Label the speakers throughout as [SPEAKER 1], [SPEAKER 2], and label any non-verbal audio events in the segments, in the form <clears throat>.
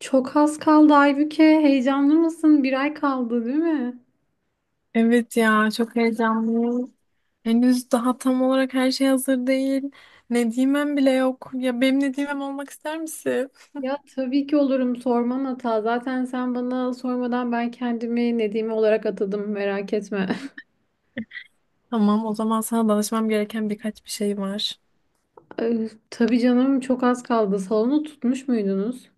[SPEAKER 1] Çok az kaldı Aybüke. Heyecanlı mısın? Bir ay kaldı, değil mi?
[SPEAKER 2] Evet ya çok heyecanlıyım. Henüz daha tam olarak her şey hazır değil. Nedimem bile yok. Ya benim Nedimem olmak ister misin?
[SPEAKER 1] Ya tabii ki olurum. Sorman hata. Zaten sen bana sormadan ben kendimi Nedime olarak atadım. Merak etme. <laughs>
[SPEAKER 2] Tamam, o zaman sana danışmam gereken birkaç bir şey var.
[SPEAKER 1] Tabii canım, çok az kaldı. Salonu tutmuş muydunuz?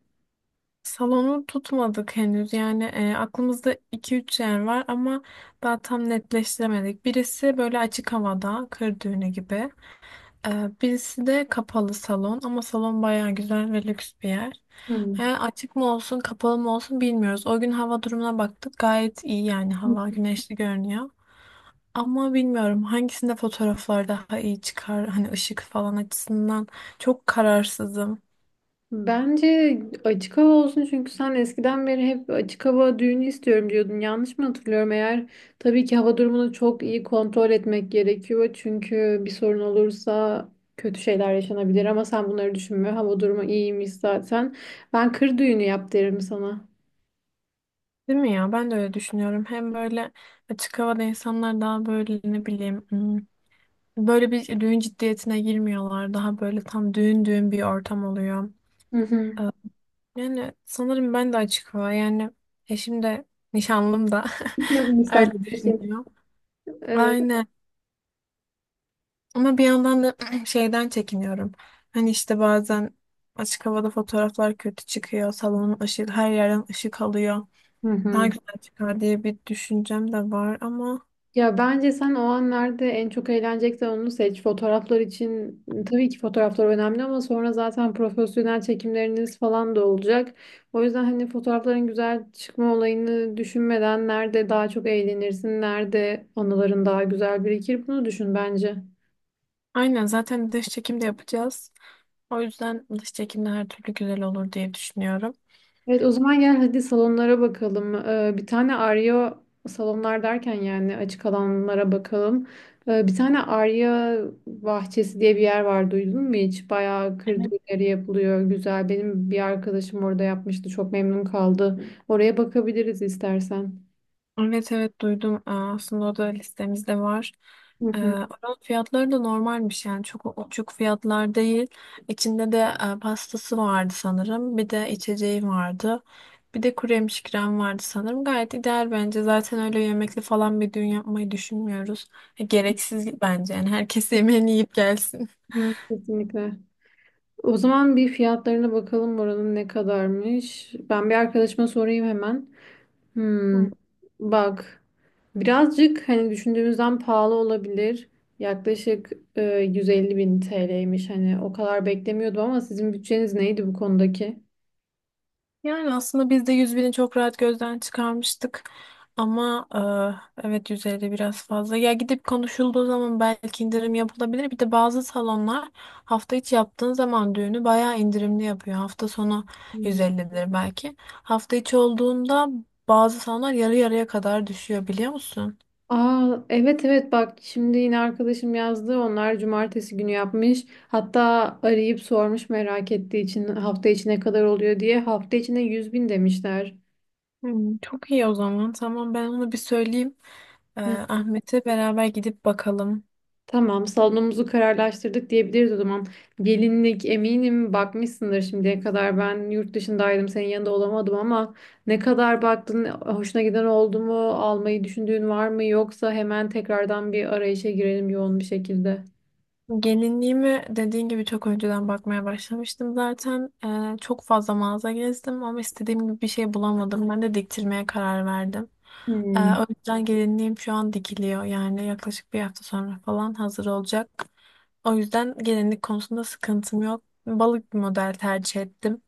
[SPEAKER 2] Salonu tutmadık henüz, yani aklımızda iki üç yer var ama daha tam netleştiremedik. Birisi böyle açık havada kır düğünü gibi. Birisi de kapalı salon ama salon bayağı güzel ve lüks bir yer.
[SPEAKER 1] Hı.
[SPEAKER 2] Açık mı olsun kapalı mı olsun bilmiyoruz. O gün hava durumuna baktık, gayet iyi, yani hava güneşli görünüyor. Ama bilmiyorum hangisinde fotoğraflar daha iyi çıkar, hani ışık falan açısından çok kararsızım.
[SPEAKER 1] Bence açık hava olsun çünkü sen eskiden beri hep "açık hava düğünü istiyorum" diyordun. Yanlış mı hatırlıyorum? Eğer tabii ki hava durumunu çok iyi kontrol etmek gerekiyor. Çünkü bir sorun olursa kötü şeyler yaşanabilir ama sen bunları düşünme. Hava durumu iyiymiş zaten. Ben kır düğünü yap derim sana.
[SPEAKER 2] Değil mi ya? Ben de öyle düşünüyorum. Hem böyle açık havada insanlar daha böyle ne bileyim böyle bir düğün ciddiyetine girmiyorlar. Daha böyle tam düğün düğün bir ortam oluyor.
[SPEAKER 1] Hı hı.
[SPEAKER 2] Yani sanırım ben de açık hava, yani eşim de, nişanlım da
[SPEAKER 1] Bilmiyordum
[SPEAKER 2] <laughs>
[SPEAKER 1] müstakil.
[SPEAKER 2] öyle
[SPEAKER 1] Eşim.
[SPEAKER 2] düşünüyor.
[SPEAKER 1] Evet.
[SPEAKER 2] Aynen, ama bir yandan da <clears throat> şeyden çekiniyorum. Hani işte bazen açık havada fotoğraflar kötü çıkıyor. Salonun ışık, her yerden ışık alıyor.
[SPEAKER 1] Hı
[SPEAKER 2] Daha
[SPEAKER 1] hı.
[SPEAKER 2] güzel çıkar diye bir düşüncem de var ama
[SPEAKER 1] Ya bence sen o anlarda en çok eğleneceksen onu seç. Fotoğraflar için tabii ki fotoğraflar önemli ama sonra zaten profesyonel çekimleriniz falan da olacak. O yüzden hani fotoğrafların güzel çıkma olayını düşünmeden nerede daha çok eğlenirsin, nerede anıların daha güzel birikir, bunu düşün bence.
[SPEAKER 2] aynen, zaten dış çekim de yapacağız. O yüzden dış çekimde her türlü güzel olur diye düşünüyorum.
[SPEAKER 1] Evet, o zaman gel hadi salonlara bakalım. Bir tane Arya salonlar derken yani açık alanlara bakalım. Bir tane Arya bahçesi diye bir yer var, duydun mu hiç? Bayağı kır
[SPEAKER 2] Evet.
[SPEAKER 1] düğünleri yapılıyor. Güzel. Benim bir arkadaşım orada yapmıştı. Çok memnun kaldı. Oraya bakabiliriz istersen.
[SPEAKER 2] Evet, evet, duydum. Aa, aslında o da listemizde var.
[SPEAKER 1] Hı hı.
[SPEAKER 2] Oranın fiyatları da normalmiş, yani çok uçuk fiyatlar değil. İçinde de pastası vardı sanırım. Bir de içeceği vardı. Bir de kuru yemiş krem vardı sanırım. Gayet ideal bence. Zaten öyle yemekli falan bir düğün yapmayı düşünmüyoruz. Gereksiz bence, yani herkes yemeğini yiyip gelsin.
[SPEAKER 1] Hı, kesinlikle. O zaman bir fiyatlarına bakalım oranın ne kadarmış. Ben bir arkadaşıma sorayım hemen. Hmm, Bak, birazcık hani düşündüğümüzden pahalı olabilir. Yaklaşık 150 bin TL'ymiş, hani o kadar beklemiyordum ama sizin bütçeniz neydi bu konudaki?
[SPEAKER 2] Yani aslında biz de 100.000'i çok rahat gözden çıkarmıştık. Ama evet 150 biraz fazla. Ya gidip konuşulduğu zaman belki indirim yapılabilir. Bir de bazı salonlar hafta içi yaptığın zaman düğünü bayağı indirimli yapıyor. Hafta sonu
[SPEAKER 1] Hmm.
[SPEAKER 2] 150'dir belki. Hafta içi olduğunda bazı salonlar yarı yarıya kadar düşüyor, biliyor musun?
[SPEAKER 1] Aa, evet evet, bak şimdi yine arkadaşım yazdı, onlar cumartesi günü yapmış, hatta arayıp sormuş merak ettiği için hafta içi ne kadar oluyor diye, hafta içine 100 bin demişler.
[SPEAKER 2] Hmm, çok iyi o zaman. Tamam, ben onu bir söyleyeyim. E, Ahmet'e beraber gidip bakalım.
[SPEAKER 1] Tamam, salonumuzu kararlaştırdık diyebiliriz o zaman. Gelinlik eminim bakmışsındır şimdiye kadar. Ben yurt dışındaydım, senin yanında olamadım ama ne kadar baktın, hoşuna giden oldu mu, almayı düşündüğün var mı, yoksa hemen tekrardan bir arayışa girelim yoğun bir şekilde.
[SPEAKER 2] Gelinliğimi dediğin gibi çok önceden bakmaya başlamıştım zaten. Çok fazla mağaza gezdim ama istediğim gibi bir şey bulamadım. Ben de diktirmeye karar verdim.
[SPEAKER 1] Hmm.
[SPEAKER 2] O yüzden gelinliğim şu an dikiliyor. Yani yaklaşık bir hafta sonra falan hazır olacak. O yüzden gelinlik konusunda sıkıntım yok. Balık bir model tercih ettim.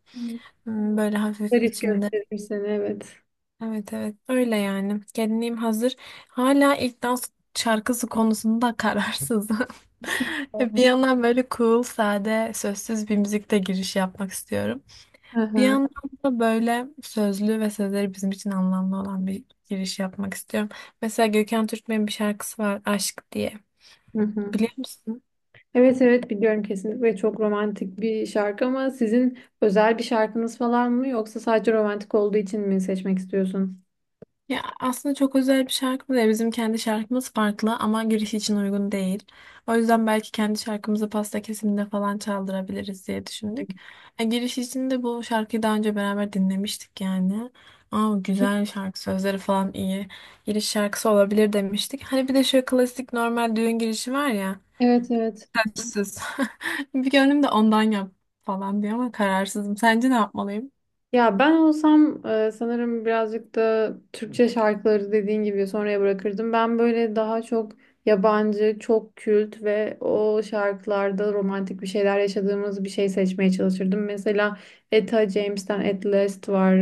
[SPEAKER 2] Hmm, böyle hafif
[SPEAKER 1] Zarif
[SPEAKER 2] içinde.
[SPEAKER 1] gösterir seni, evet.
[SPEAKER 2] Evet, evet, öyle yani. Gelinliğim hazır. Hala ilk dans şarkısı konusunda kararsızım. <laughs>
[SPEAKER 1] Hı
[SPEAKER 2] Bir yandan böyle cool, sade, sözsüz bir müzikle giriş yapmak istiyorum. Bir
[SPEAKER 1] hı,
[SPEAKER 2] yandan da böyle sözlü ve sözleri bizim için anlamlı olan bir giriş yapmak istiyorum. Mesela Gökhan Türkmen'in bir şarkısı var, Aşk diye.
[SPEAKER 1] hı hı.
[SPEAKER 2] Biliyor musun?
[SPEAKER 1] Evet evet biliyorum, kesinlikle çok romantik bir şarkı ama sizin özel bir şarkınız falan mı, yoksa sadece romantik olduğu için mi seçmek istiyorsun?
[SPEAKER 2] Ya aslında çok özel bir şarkı değil. Bizim kendi şarkımız farklı ama giriş için uygun değil. O yüzden belki kendi şarkımızı pasta kesiminde falan çaldırabiliriz diye düşündük. Giriş için de bu şarkıyı daha önce beraber dinlemiştik yani. Aa, güzel bir şarkı, sözleri falan iyi. Giriş şarkısı olabilir demiştik. Hani bir de şu klasik normal düğün girişi var ya.
[SPEAKER 1] Evet evet.
[SPEAKER 2] Sözsüz. <laughs> Bir gönlüm de ondan yap falan diyor ama kararsızım. Sence ne yapmalıyım?
[SPEAKER 1] Ya ben olsam, sanırım birazcık da Türkçe şarkıları dediğin gibi sonraya bırakırdım. Ben böyle daha çok yabancı, çok kült ve o şarkılarda romantik bir şeyler yaşadığımız bir şey seçmeye çalışırdım. Mesela Etta James'ten At Last var,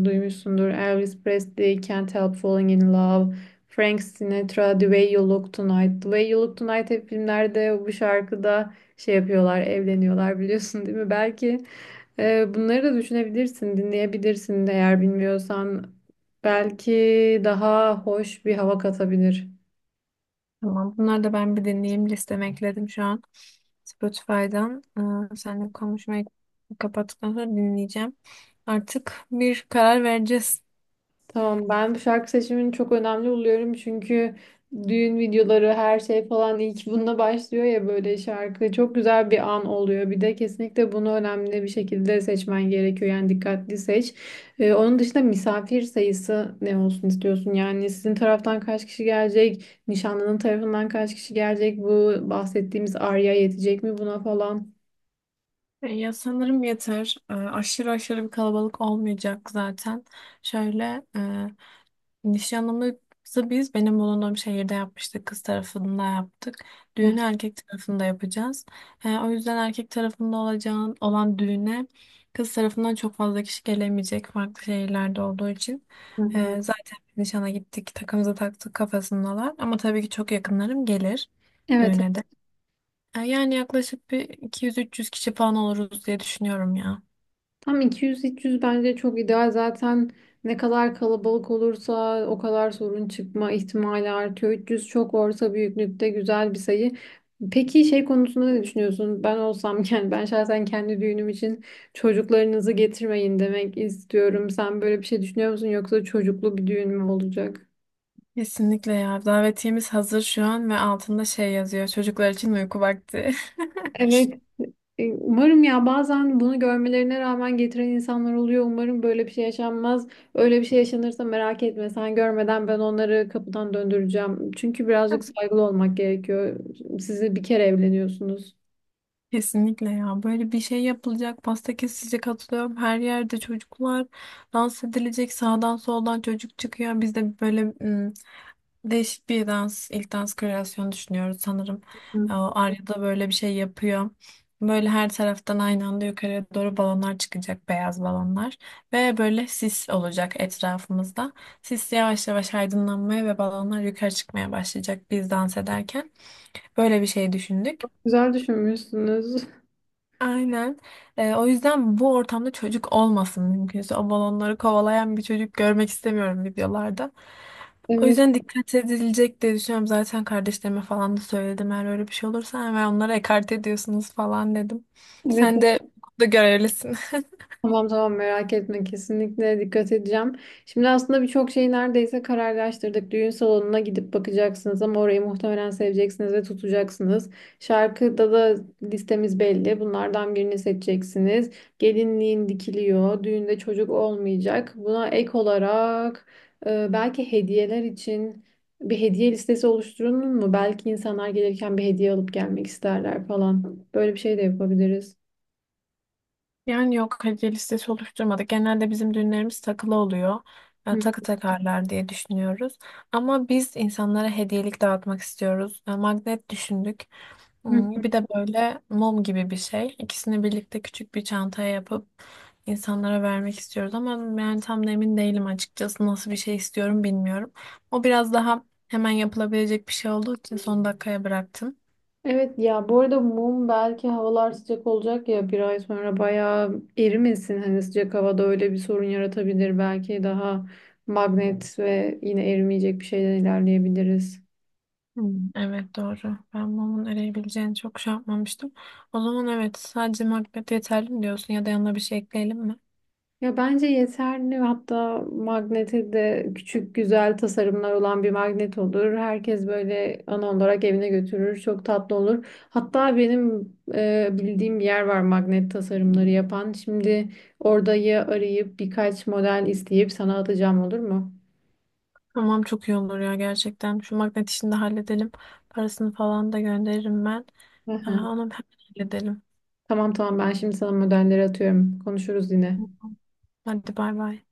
[SPEAKER 1] duymuşsundur. Elvis Presley, Can't Help Falling in Love. Frank Sinatra, The Way You Look Tonight. The Way You Look Tonight hep filmlerde bu şarkıda şey yapıyorlar, evleniyorlar, biliyorsun değil mi? Belki bunları da düşünebilirsin, dinleyebilirsin de eğer bilmiyorsan. Belki daha hoş bir hava katabilir.
[SPEAKER 2] Tamam. Bunları da ben bir dinleyeyim. Listeme ekledim şu an. Spotify'dan. Seninle konuşmayı kapattıktan sonra dinleyeceğim. Artık bir karar vereceğiz.
[SPEAKER 1] Tamam, ben bu şarkı seçimini çok önemli buluyorum çünkü düğün videoları, her şey falan ilk bununla başlıyor ya, böyle şarkı çok güzel bir an oluyor. Bir de kesinlikle bunu önemli bir şekilde seçmen gerekiyor, yani dikkatli seç. Onun dışında misafir sayısı ne olsun istiyorsun, yani sizin taraftan kaç kişi gelecek, nişanlının tarafından kaç kişi gelecek, bu bahsettiğimiz arya yetecek mi buna falan.
[SPEAKER 2] Ya sanırım yeter. Aşırı aşırı bir kalabalık olmayacak zaten. Şöyle nişanımızı biz benim bulunduğum şehirde yapmıştık. Kız tarafında yaptık. Düğünü erkek tarafında yapacağız. O yüzden erkek tarafında olan düğüne kız tarafından çok fazla kişi gelemeyecek, farklı şehirlerde olduğu için.
[SPEAKER 1] Hı hı.
[SPEAKER 2] Zaten biz nişana gittik, takımızı taktık kafasındalar. Ama tabii ki çok yakınlarım gelir
[SPEAKER 1] Evet.
[SPEAKER 2] düğüne de. Yani yaklaşık bir 200-300 kişi falan oluruz diye düşünüyorum ya.
[SPEAKER 1] Tam 200-300 bence çok ideal. Zaten ne kadar kalabalık olursa o kadar sorun çıkma ihtimali artıyor. 300 çok orta büyüklükte güzel bir sayı. Peki şey konusunda ne düşünüyorsun? Ben olsam <laughs> yani ben şahsen kendi düğünüm için çocuklarınızı getirmeyin demek istiyorum. Sen böyle bir şey düşünüyor musun, yoksa çocuklu bir düğün mü olacak?
[SPEAKER 2] Kesinlikle ya. Davetiyemiz hazır şu an ve altında şey yazıyor: Çocuklar için uyku vakti.
[SPEAKER 1] Umarım ya, bazen bunu görmelerine rağmen getiren insanlar oluyor. Umarım böyle bir şey yaşanmaz. Öyle bir şey yaşanırsa merak etme. Sen görmeden ben onları kapıdan döndüreceğim. Çünkü birazcık saygılı olmak gerekiyor. Sizi bir kere evleniyorsunuz.
[SPEAKER 2] <laughs> Kesinlikle ya. Böyle bir şey yapılacak. Pasta kesilecek, atılıyorum. Her yerde çocuklar, dans edilecek. Sağdan soldan çocuk çıkıyor. Biz de böyle değişik bir dans, ilk dans kreasyonu düşünüyoruz sanırım.
[SPEAKER 1] Hı.
[SPEAKER 2] O Arya da böyle bir şey yapıyor. Böyle her taraftan aynı anda yukarıya doğru balonlar çıkacak, beyaz balonlar. Ve böyle sis olacak etrafımızda. Sis yavaş yavaş aydınlanmaya ve balonlar yukarı çıkmaya başlayacak biz dans ederken. Böyle bir şey düşündük.
[SPEAKER 1] Güzel düşünmüşsünüz.
[SPEAKER 2] Aynen. O yüzden bu ortamda çocuk olmasın mümkünse. O balonları kovalayan bir çocuk görmek istemiyorum videolarda.
[SPEAKER 1] <laughs>
[SPEAKER 2] O
[SPEAKER 1] Evet.
[SPEAKER 2] yüzden dikkat edilecek diye düşünüyorum. Zaten kardeşlerime falan da söyledim. Eğer öyle bir şey olursa hemen onları ekarte ediyorsunuz falan dedim.
[SPEAKER 1] Evet.
[SPEAKER 2] Sen da görevlisin. <laughs>
[SPEAKER 1] Tamam tamam, merak etme, kesinlikle dikkat edeceğim. Şimdi aslında birçok şeyi neredeyse kararlaştırdık. Düğün salonuna gidip bakacaksınız ama orayı muhtemelen seveceksiniz ve tutacaksınız. Şarkıda da listemiz belli. Bunlardan birini seçeceksiniz. Gelinliğin dikiliyor. Düğünde çocuk olmayacak. Buna ek olarak belki hediyeler için bir hediye listesi oluşturulur mu? Belki insanlar gelirken bir hediye alıp gelmek isterler falan. Böyle bir şey de yapabiliriz.
[SPEAKER 2] Yani yok, hediye listesi oluşturmadık. Genelde bizim düğünlerimiz takılı oluyor. Yani
[SPEAKER 1] Hı.
[SPEAKER 2] takı takarlar diye düşünüyoruz. Ama biz insanlara hediyelik dağıtmak istiyoruz. Yani magnet düşündük.
[SPEAKER 1] Hı.
[SPEAKER 2] Hmm, bir de böyle mum gibi bir şey. İkisini birlikte küçük bir çantaya yapıp insanlara vermek istiyoruz ama yani tam da emin değilim, açıkçası nasıl bir şey istiyorum bilmiyorum. O biraz daha hemen yapılabilecek bir şey olduğu için son dakikaya bıraktım.
[SPEAKER 1] Evet ya, bu arada mum, belki havalar sıcak olacak ya, bir ay sonra bayağı erimesin hani, sıcak havada öyle bir sorun yaratabilir, belki daha magnet ve yine erimeyecek bir şeyden ilerleyebiliriz.
[SPEAKER 2] Hmm, evet doğru. Ben mumun eriyebileceğini çok şey yapmamıştım. O zaman evet, sadece magnet yeterli mi diyorsun ya da yanına bir şey ekleyelim mi?
[SPEAKER 1] Ya bence yeterli, hatta magnete de küçük güzel tasarımlar olan bir magnet olur. Herkes böyle ana olarak evine götürür. Çok tatlı olur. Hatta benim bildiğim bir yer var magnet tasarımları yapan. Şimdi orayı arayıp birkaç model isteyip sana atacağım, olur mu?
[SPEAKER 2] Tamam, çok iyi olur ya gerçekten. Şu magnet işini de halledelim. Parasını falan da gönderirim ben.
[SPEAKER 1] Hı
[SPEAKER 2] Aa,
[SPEAKER 1] hı.
[SPEAKER 2] onu hemen halledelim.
[SPEAKER 1] Tamam tamam, ben şimdi sana modelleri atıyorum. Konuşuruz yine.
[SPEAKER 2] Hadi bay bay.